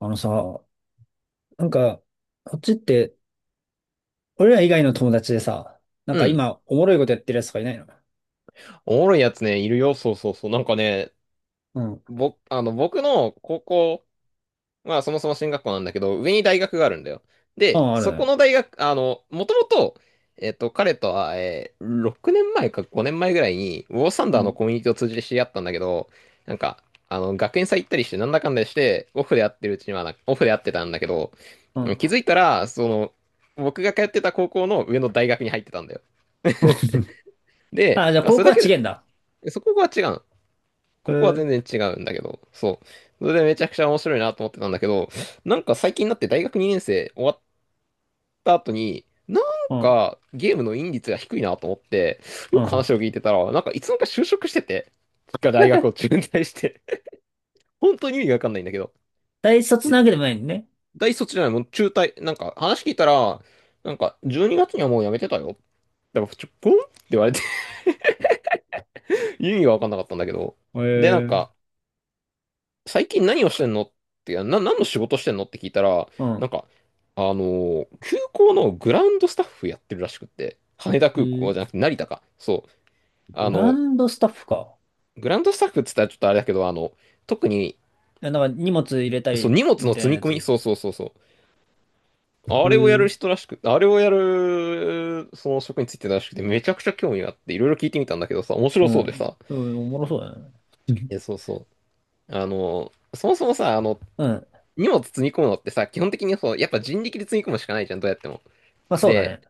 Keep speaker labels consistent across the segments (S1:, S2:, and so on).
S1: あのさ、なんか、こっちって、俺ら以外の友達でさ、
S2: うん。
S1: 今、おもろいことやってるやつとかいないの？
S2: おもろいやつね、いるよ。そうそうそう。なんかね、
S1: うん。
S2: ぼ、あの、僕の高校、まあそもそも進学校なんだけど、上に大学があるんだよ。
S1: あ
S2: で、
S1: あ、ある
S2: そこ
S1: ね。
S2: の大学、もともと、彼とは、6年前か5年前ぐらいに、ウォーサン
S1: う
S2: ダーの
S1: ん。
S2: コミュニティを通じて知り合ったんだけど、なんか、学園祭行ったりして、なんだかんだして、オフで会ってたんだけど、
S1: う
S2: 気
S1: ん。
S2: づいたら、その、僕が通ってた高校の上の大学に入ってたんだよ。で、
S1: あ、じゃあ
S2: まあ、
S1: 高
S2: それ
S1: 校
S2: だ
S1: は
S2: け
S1: 違えんだ。
S2: で、そこが違うの。
S1: へ
S2: ここは
S1: え。
S2: 全然違うんだけど、そう。それでめちゃくちゃ面白いなと思ってたんだけど、なんか最近になって大学2年生終わった後に、なん
S1: うん。
S2: かゲームのイン率が低いなと思って、
S1: う
S2: よく
S1: ん。
S2: 話を聞いてたら、なんかいつの間にか就職してて、が大学を中退して、本当に意味がわかんないんだけど、
S1: 大卒な
S2: で
S1: わけでもないんね。
S2: 大卒じゃない、もう中退、なんか話聞いたら、なんか12月にがつにはもう辞めてたよ。でも、ポンって言われて 意味がわかんなかったんだけど、
S1: へ
S2: で、なんか、
S1: え。
S2: 最近何をしてんのってな、何の仕事してんのって聞いたら、
S1: う
S2: な
S1: ん。
S2: んか、空港のグラウンドスタッフやってるらしくって、
S1: え
S2: 羽田空港
S1: ー、
S2: じゃなくて成田か。そう。あ
S1: グラ
S2: の、
S1: ンドスタッフか。
S2: グラウンドスタッフって言ったらちょっとあれだけど、特に、
S1: いや荷物入れた
S2: そう、
S1: り、
S2: 荷物
S1: み
S2: の
S1: たい
S2: 積
S1: な
S2: み
S1: や
S2: 込み、
S1: つ。
S2: そうそうそうそう。
S1: へ
S2: あ
S1: え。う
S2: れをやる
S1: ん。
S2: 人らしく、あれをやる、その職についてたらしくて、めちゃくちゃ興味があって、いろいろ聞いてみたんだけどさ、面
S1: う
S2: 白そうで
S1: ん、
S2: さ。
S1: おもろそうだね。
S2: え、そうそう。そもそもさ、
S1: うん。
S2: 荷物積み込むのってさ、基本的にそう、やっぱ人力で積み込むしかないじゃん、どうやっても。
S1: まあそうだ
S2: で、
S1: ね。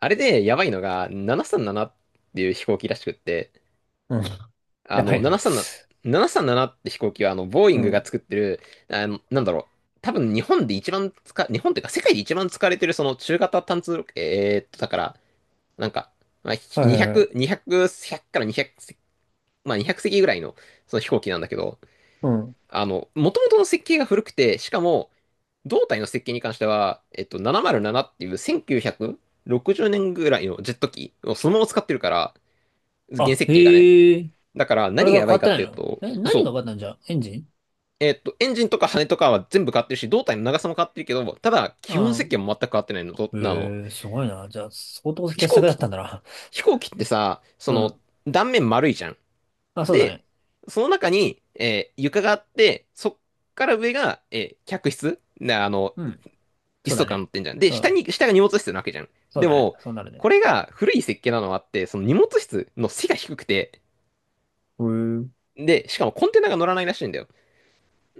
S2: あれでやばいのが、737っていう飛行機らしくって、
S1: うん。
S2: あ
S1: やば
S2: の、
S1: いな。
S2: 737、737って飛行機は、ボーイ
S1: う
S2: ングが
S1: ん。
S2: 作ってる、あの、なんだろ多分日本で一番使、日本っていうか世界で一番使われてるその中型単通、だから、なんか、まあ、
S1: はいはいは
S2: 200、
S1: い。
S2: 200、100から200、まあ200席ぐらいのその飛行機なんだけど、
S1: うん。
S2: 元々の設計が古くて、しかも、胴体の設計に関しては、707っていう1960年ぐらいのジェット機をそのまま使ってるから、原
S1: あ、
S2: 設計がね。
S1: へえ。
S2: だから
S1: あれ
S2: 何
S1: が
S2: が
S1: 変
S2: やば
S1: わ
S2: い
S1: っ
S2: か
S1: た
S2: っ
S1: んや
S2: ていう
S1: ろ、
S2: と、
S1: え、何が
S2: そ
S1: 変
S2: う。
S1: わったんじゃ、エンジン？
S2: エンジンとか羽とかは全部変わってるし、胴体の長さも変わってるけど、ただ、基本
S1: ああ。
S2: 設計も全く変わってないの。とあの、
S1: え、えすごいな。じゃあ、相当傑
S2: 飛行
S1: 作だっ
S2: 機、
S1: たんだな。
S2: 飛行機ってさ、そ
S1: う
S2: の、
S1: ん。
S2: 断面丸いじゃん。
S1: あ、そうだ
S2: で、
S1: ね。
S2: その中に、床があって、そっから上が、客室な
S1: うん。
S2: 椅
S1: そ
S2: 子
S1: うだ
S2: とか乗
S1: ね。
S2: ってんじゃん。で、
S1: うん。
S2: 下が荷物室なわけじゃん。
S1: そう
S2: で
S1: だね。
S2: も、
S1: そうなるね。
S2: これが古い設計なのはあって、その荷物室の背が低くて、
S1: へえ。
S2: で、しかもコンテナが乗らないらしいんだよ。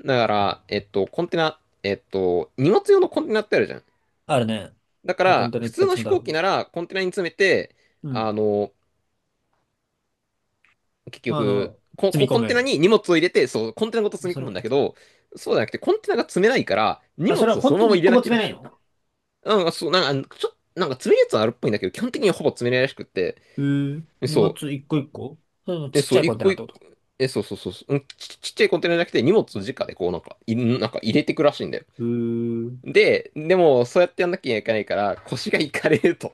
S2: だから、コンテナ、荷物用のコンテナってあるじゃん。
S1: あるね。
S2: だか
S1: もう本
S2: ら、
S1: 当にいっ
S2: 普
S1: ぱ
S2: 通
S1: い
S2: の
S1: 詰め
S2: 飛
S1: たろ
S2: 行機
S1: う。
S2: ならコンテナに詰めて、
S1: うん。
S2: あの、結
S1: まあ、あ
S2: 局、
S1: の、積み込
S2: コンテナ
S1: む。
S2: に荷物を入れて、そう、コンテナごと積み
S1: そ
S2: 込
S1: れ、
S2: むんだけど、そうじゃなくて、コンテナが積めないから、荷
S1: あ、それは
S2: 物をそ
S1: 本
S2: の
S1: 当
S2: ま
S1: に
S2: ま入
S1: 一
S2: れ
S1: 個も
S2: なきゃ
S1: 詰
S2: ら
S1: めな
S2: し
S1: い
S2: い。
S1: の？
S2: なんか、そう、なんか、ちょっと、なんか詰めるやつはあるっぽいんだけど、基本的にはほぼ詰めないらしくって。
S1: へえ。荷物
S2: そう。
S1: 一個一個、それも
S2: え、
S1: ちっち
S2: そ
S1: ゃ
S2: う、
S1: い
S2: 一
S1: コンテナ
S2: 個
S1: っ
S2: 一
S1: てこと？
S2: 個、え、そうそうそうそう、うん、ちっちゃいコンテナじゃなくて荷物を直でこうなんか、なんか入れてくらしいんだよ。
S1: へえ。
S2: で、でもそうやってやんなきゃいけないから腰がいかれると。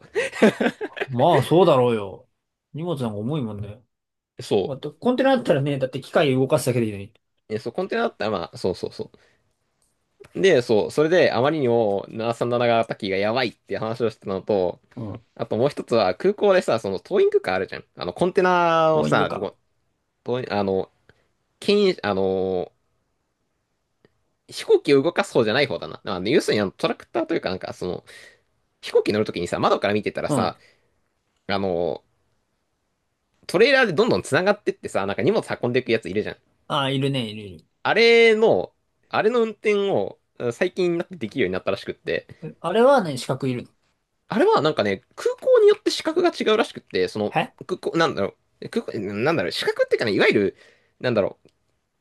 S1: まあ、そうだろうよ。荷物なんか重いもんね。ま
S2: そ
S1: あコンテナだったらね、だって機械動かすだけでいいのに。
S2: う。え、そう、コンテナだったらまあ、そうそうそう。で、そう、それであまりにも737型機がタキがやばいっていう話をしてたのと、あともう一つは空港でさ、そのトーイングカーあるじゃん。コンテナを
S1: ボーイング
S2: さ、
S1: か。
S2: トーインあの、牽引、飛行機を動かす方じゃない方だな。要するにトラクターというかなんかその、飛行機乗るときにさ、窓から見てたら
S1: うん。
S2: さ、あの、トレーラーでどんどん繋がってってさ、なんか荷物運んでいくやついるじゃん。
S1: ああ、いるね、いる、い
S2: あれの、あれの運転を最近になってできるようになったらしくって、
S1: る。あれはね、資格いるの？
S2: あれはなんかね、空港によって資格が違うらしくって、その、
S1: え、
S2: 空港、資格っていうかね、いわゆる、なんだろう、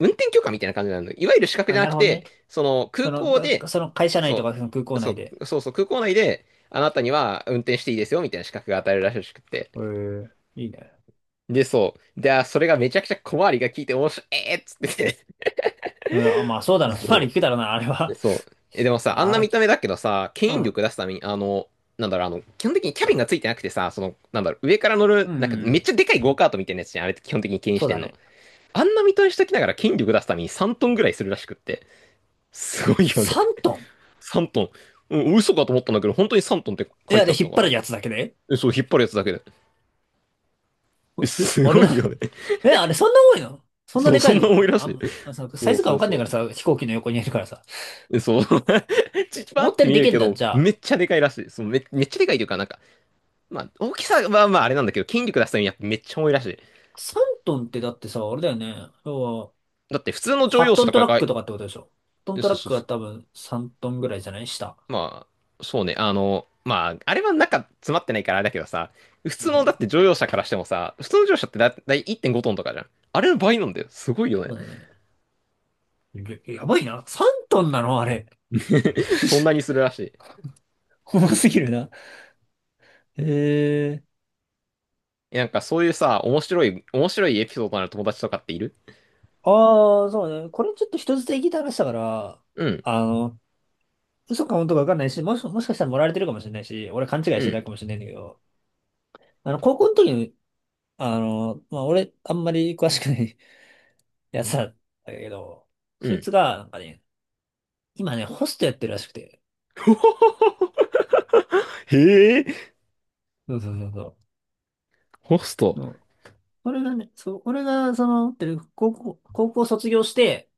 S2: 運転許可みたいな感じなの。いわゆる資格
S1: あ、
S2: じゃ
S1: な
S2: な
S1: る
S2: く
S1: ほどね。
S2: て、その、空
S1: その、
S2: 港
S1: が
S2: で、
S1: その会社内と
S2: そ
S1: かその空港
S2: う、そ
S1: 内で。
S2: う、そうそう、空港内で、あなたには運転していいですよ、みたいな資格が与えるらしくって。
S1: へえ、いいね。
S2: で、そう。で、それがめちゃくちゃ小回りが効いて面白い、えーっつってて
S1: うん、あ、まあそうだな。まあ
S2: そ
S1: 聞くだろうな、あれ
S2: う。
S1: は。
S2: そう。え、でもさ、あ
S1: あ、
S2: んな
S1: 荒
S2: 見た
S1: 木。
S2: 目だけどさ、
S1: う
S2: 牽引
S1: ん。
S2: 力出すために、基本的にキャビンがついてなくてさ、その、上から乗
S1: う
S2: る、
S1: ん、う
S2: なんか
S1: んう
S2: めっちゃ
S1: ん。
S2: でかいゴーカートみたいなやつじゃん、あれって基本的に牽引
S1: そ
S2: し
S1: う
S2: て
S1: だ
S2: んの。
S1: ね。
S2: あんな見た目しときながら牽引力出すために3トンぐらいするらしくって。すごいよね。
S1: 3トン？
S2: 3トン。うん、嘘かと思ったんだけど、本当に3トンって
S1: え、
S2: 書
S1: あ
S2: いて
S1: れ
S2: あっ
S1: 引
S2: た
S1: っ
S2: か
S1: 張る
S2: ら。
S1: やつだけで？
S2: え、そう、引っ張るやつだけで。え、
S1: え、え
S2: す
S1: あれ
S2: ご
S1: な、
S2: いよね。
S1: え、あれそんな重いの、そんな
S2: そう、
S1: でかい
S2: そん
S1: の
S2: な重い
S1: か、
S2: ら
S1: あ、
S2: しい。
S1: んあさサ
S2: そ
S1: イ
S2: う
S1: ズ感
S2: そ
S1: わ
S2: う
S1: かんない
S2: そ
S1: か
S2: う。
S1: らさ、飛行機の横にいるからさ。
S2: えそう。ちチパ
S1: 思っ
S2: っ
S1: た
S2: て
S1: より
S2: 見
S1: で
S2: える
S1: けん
S2: け
S1: だ。
S2: ど、
S1: じゃあ、
S2: めっちゃでかいらしい。そうめっちゃでかいというか、なんか、まあ、大きさはまあまあれなんだけど、筋力出すためにやっぱめっちゃ重いらしい。
S1: 3トンってだってさ、あれだよね。要は
S2: だって普通の乗
S1: 8
S2: 用
S1: ト
S2: 車
S1: ン
S2: と
S1: ト
S2: か
S1: ラッ
S2: が、
S1: ク
S2: そ
S1: とかってことでしょ。8トン
S2: う
S1: トラッ
S2: そう、
S1: クは多分3トンぐらいじゃない下。
S2: まあ、そうね、まあ、あれは中詰まってないからあれだけどさ、普
S1: う
S2: 通のだっ
S1: ん。
S2: て乗用車からしてもさ、普通の乗用車ってだだい1.5トンとかじゃん。あれの倍なんだよ。すごいよ
S1: そ
S2: ね。
S1: うだね。や、やばいな。3トンなのあれ。
S2: そんな にするらしい。
S1: 重すぎるな。へえー。
S2: えそういうさ、面白いエピソードのある友達とかっている
S1: ああ、そうね。これちょっと人捨てに聞いた話だから、
S2: うん、
S1: あの、嘘か本当かわかんないし、もし、もしかしたら盛られてるかもしれないし、俺勘違い
S2: う
S1: してた
S2: ん、
S1: かもしれないんだけど、あの、高校の時に、あの、まあ、俺、あんまり詳しくない やつだったけど、
S2: う
S1: そい
S2: ん。
S1: つが、なんかね、今ね、ホストやってるらしくて。
S2: へえ、
S1: そうそうそうそ
S2: ホスト。
S1: う。俺がね、そう、俺が、その、ってる高校、高校卒業して、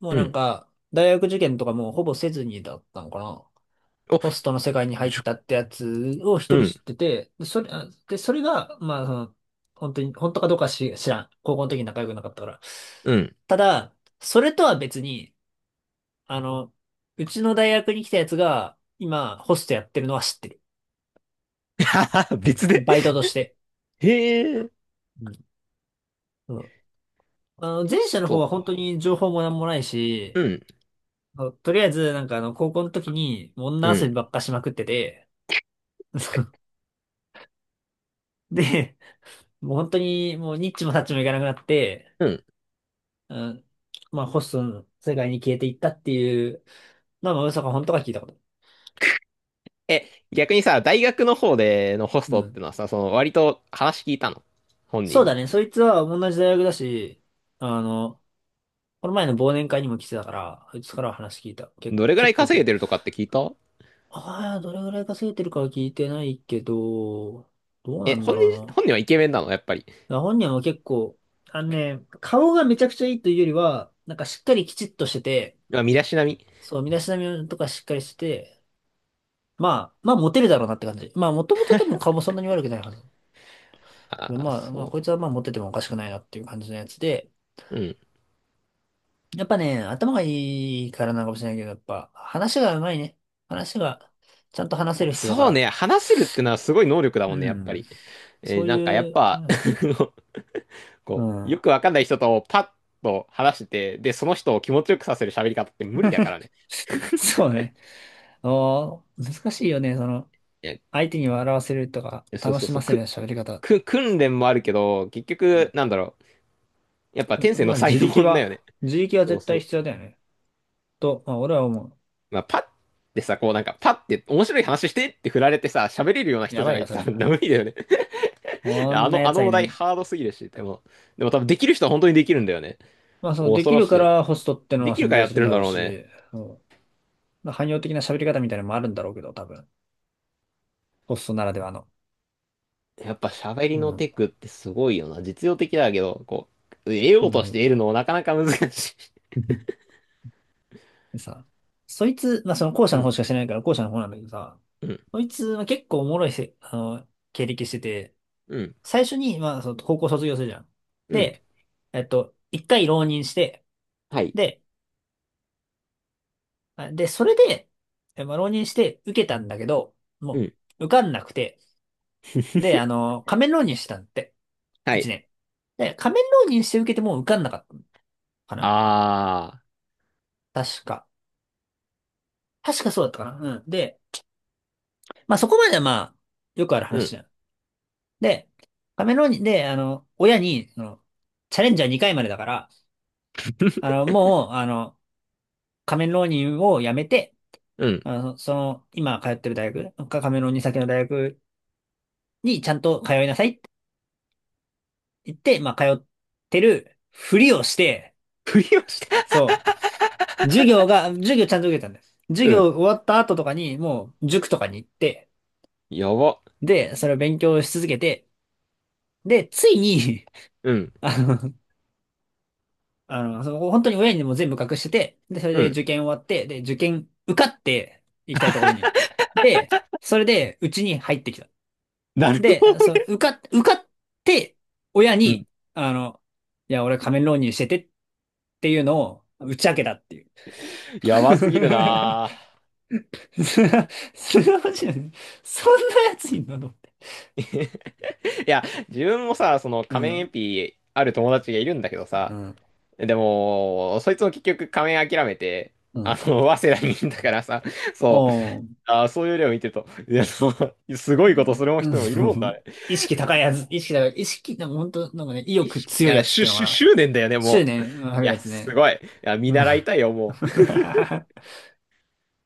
S1: もう
S2: うん。
S1: 大学受験とかもうほぼせずにだったのかな。
S2: お、
S1: ホストの世界に入っ
S2: じゅ、
S1: たってやつを
S2: う
S1: 一人知
S2: ん、
S1: ってて、で、それ、あで、それが、まあ、その、本当に、本当かどうかし知らん。高校の時に仲良くなかったから。
S2: うん。
S1: ただ、それとは別に、あの、うちの大学に来たやつが、今、ホストやってるのは知ってる。
S2: 別で
S1: バイトとして。
S2: へえ、
S1: うん。うん、あの、前
S2: ホス
S1: 者の方
S2: ト
S1: は本当
S2: か。
S1: に情報もなんもない
S2: う
S1: し、
S2: ん、
S1: そうとりあえず、あの、高校の時に、もう
S2: う
S1: 女遊
S2: ん、
S1: びばっかしまくってて、で、もう本当に、もうニッチもサッチもいかなくなって、
S2: うん。
S1: うん、まあ、ホストの世界に消えていったっていう、まあ、まあ嘘か本当か聞いたこと。
S2: え、逆にさ、大学の方でのホス
S1: う
S2: トって
S1: ん。
S2: のはさ、その割と話聞いたの本
S1: そ
S2: 人
S1: うだ
S2: に。
S1: ね、そいつは同じ大学だし、あの、この前の忘年会にも来てたから、そいつからは話聞いた。け、
S2: どれぐら
S1: 結
S2: い
S1: 構聞
S2: 稼げ
S1: い
S2: てる
S1: た。
S2: とかって聞いた
S1: ああ、どれぐらい稼いでるかは聞いてないけど、どうな
S2: え、
S1: んだろうな。
S2: 本人はイケメンなのやっぱり。
S1: ら本人は結構、あのね、顔がめちゃくちゃいいというよりは、しっかりきちっとしてて、
S2: まあ、身だしなみ。
S1: そう、身だしなみとかしっかりしてて、まあ、まあモテるだろうなって感じ。まあもともと多分顔もそんなに悪くないはず。
S2: ああ、
S1: まあ、まあ
S2: そ
S1: こいつはまあモテてもおかしくないなっていう感じのやつで、
S2: う。うん。
S1: やっぱね、頭がいいからなのかもしれないけど、やっぱ話が上手いね。話がちゃんと話せる人だか
S2: そうね、
S1: ら。
S2: 話せるってのはすごい能力だ
S1: う
S2: もんね、やっぱ
S1: ん。
S2: り。
S1: そう
S2: なんかやっ
S1: いう、どう
S2: ぱ
S1: なんだろう。う
S2: こう、よく
S1: ん。
S2: わかんない人とパッと話してて、で、その人を気持ちよくさせる喋り方って無理だか らね。
S1: そうね。ああ、難しいよね、その。
S2: え
S1: 相手に笑わせるとか、
S2: そう
S1: 楽
S2: そう
S1: し
S2: そ
S1: ま
S2: う。
S1: せる喋り方。
S2: 訓練もあるけど、結局、なんだろう。やっぱ天
S1: う、
S2: 性
S1: ま
S2: の
S1: あ、
S2: 才
S1: 自
S2: 能
S1: 力
S2: だよね。
S1: は、自力は
S2: そう
S1: 絶
S2: そ
S1: 対
S2: う。
S1: 必要だよね。と、まあ、俺は思
S2: まあ、パッってさ、こうなんか、パッって面白い話してって振られてさ、喋れるような
S1: う。や
S2: 人じ
S1: ば
S2: ゃ
S1: い
S2: ない
S1: よ、
S2: と
S1: それ
S2: 多分
S1: は。
S2: 無理だよね。
S1: こ
S2: あ
S1: んな
S2: の、あ
S1: 奴
S2: の
S1: は
S2: お
S1: いな
S2: 題
S1: い。
S2: ハードすぎるし、でも多分できる人は本当にできるんだよね。
S1: まあ、その、で
S2: 恐
S1: き
S2: ろ
S1: る
S2: し
S1: か
S2: い。
S1: らホストっての
S2: で
S1: は
S2: きる
S1: 存
S2: から
S1: 在
S2: や
S1: す
S2: っ
S1: る
S2: て
S1: ん
S2: るん
S1: だ
S2: だ
S1: ろう
S2: ろうね。
S1: し、そう、まあ、汎用的な喋り方みたいなのもあるんだろうけど、多分。ホストならではの。
S2: やっぱ喋り
S1: う
S2: の
S1: ん。
S2: テクってすごいよな。実用的だけど、こう、得
S1: う
S2: ようとして
S1: ん。
S2: 得るのもなかなか難しい。
S1: でさ、そいつ、まあ、その後 者
S2: う
S1: の方
S2: ん、
S1: しか知らないから後者の方なんだけどさ、
S2: うん、
S1: そいつは結構おもろいせ、あの、経歴してて、
S2: うん、
S1: 最初に、まあ、その高校卒業するじゃん。
S2: うん。
S1: で、えっと、一回浪人して、
S2: はい、
S1: で、あで、それで、え、まあ、浪人して受けたんだけど、
S2: う
S1: も
S2: ん。
S1: う、受かんなくて、で、あ の、仮面浪人してたんだって、
S2: は
S1: 一
S2: い。
S1: 年。で、仮面浪人して受けても受かんなかったのかな、
S2: あ
S1: 確か。確かそうだったかな、うん。で、まあ、そこまではまあ、よくある
S2: ー、う
S1: 話
S2: ん。
S1: じゃん。で、仮面浪人で、あの、親に、その、チャレンジャー2回までだから、あの、もう、あの、仮面浪人をやめて、
S2: うん。
S1: あの、その、今通ってる大学、カカメロンサ先の大学にちゃんと通いなさいって言って、まあ、通ってるふりをして、
S2: 振りをして、
S1: そう、授業が、授業ちゃんと受けたんです。授
S2: う
S1: 業
S2: ん。
S1: 終わった後とかに、もう、塾とかに行って、
S2: やば。
S1: で、それを勉強し続けて、で、ついに
S2: うん。
S1: あの、あの、その本当に親にも全部隠してて、で、それ
S2: う
S1: で
S2: ん。
S1: 受験終わって、で、受験受かって行きたいところに。で、それで、うちに入ってきた。
S2: なるほ
S1: で、
S2: ど
S1: あそう、
S2: ね。
S1: 受かっ、受かって、親
S2: うん
S1: に、あの、いや、俺仮面浪人しててっていうのを打ち明けたっていう。
S2: やばすぎるな
S1: すな、すなわち、そんなやついんのと思って。
S2: ぁ いや、自分もさ、その
S1: う
S2: 仮面エ
S1: ん、
S2: ピある友達がいるんだけど
S1: う
S2: さ、
S1: ん、
S2: でも、そいつも結局仮面諦めて、
S1: う
S2: あ
S1: ん。
S2: の、早稲田にいるんだからさ、そう、
S1: おー、
S2: あそういう例を見てると、いや、そうすご
S1: う
S2: いことす
S1: ん、
S2: る
S1: う
S2: 人もいるもんだ、
S1: ん、
S2: ね
S1: 意識高いやつ、意識高い、意識、本当ね、意欲
S2: い
S1: 強いや
S2: や、
S1: つっ
S2: し
S1: て
S2: ゅ、
S1: いうのか
S2: しゅ、
S1: な。
S2: 執念だよね、
S1: 執
S2: もう。い
S1: 念ある
S2: や、
S1: やつ
S2: す
S1: ね。
S2: ごい。いや、見
S1: うん
S2: 習いたいよ、もう。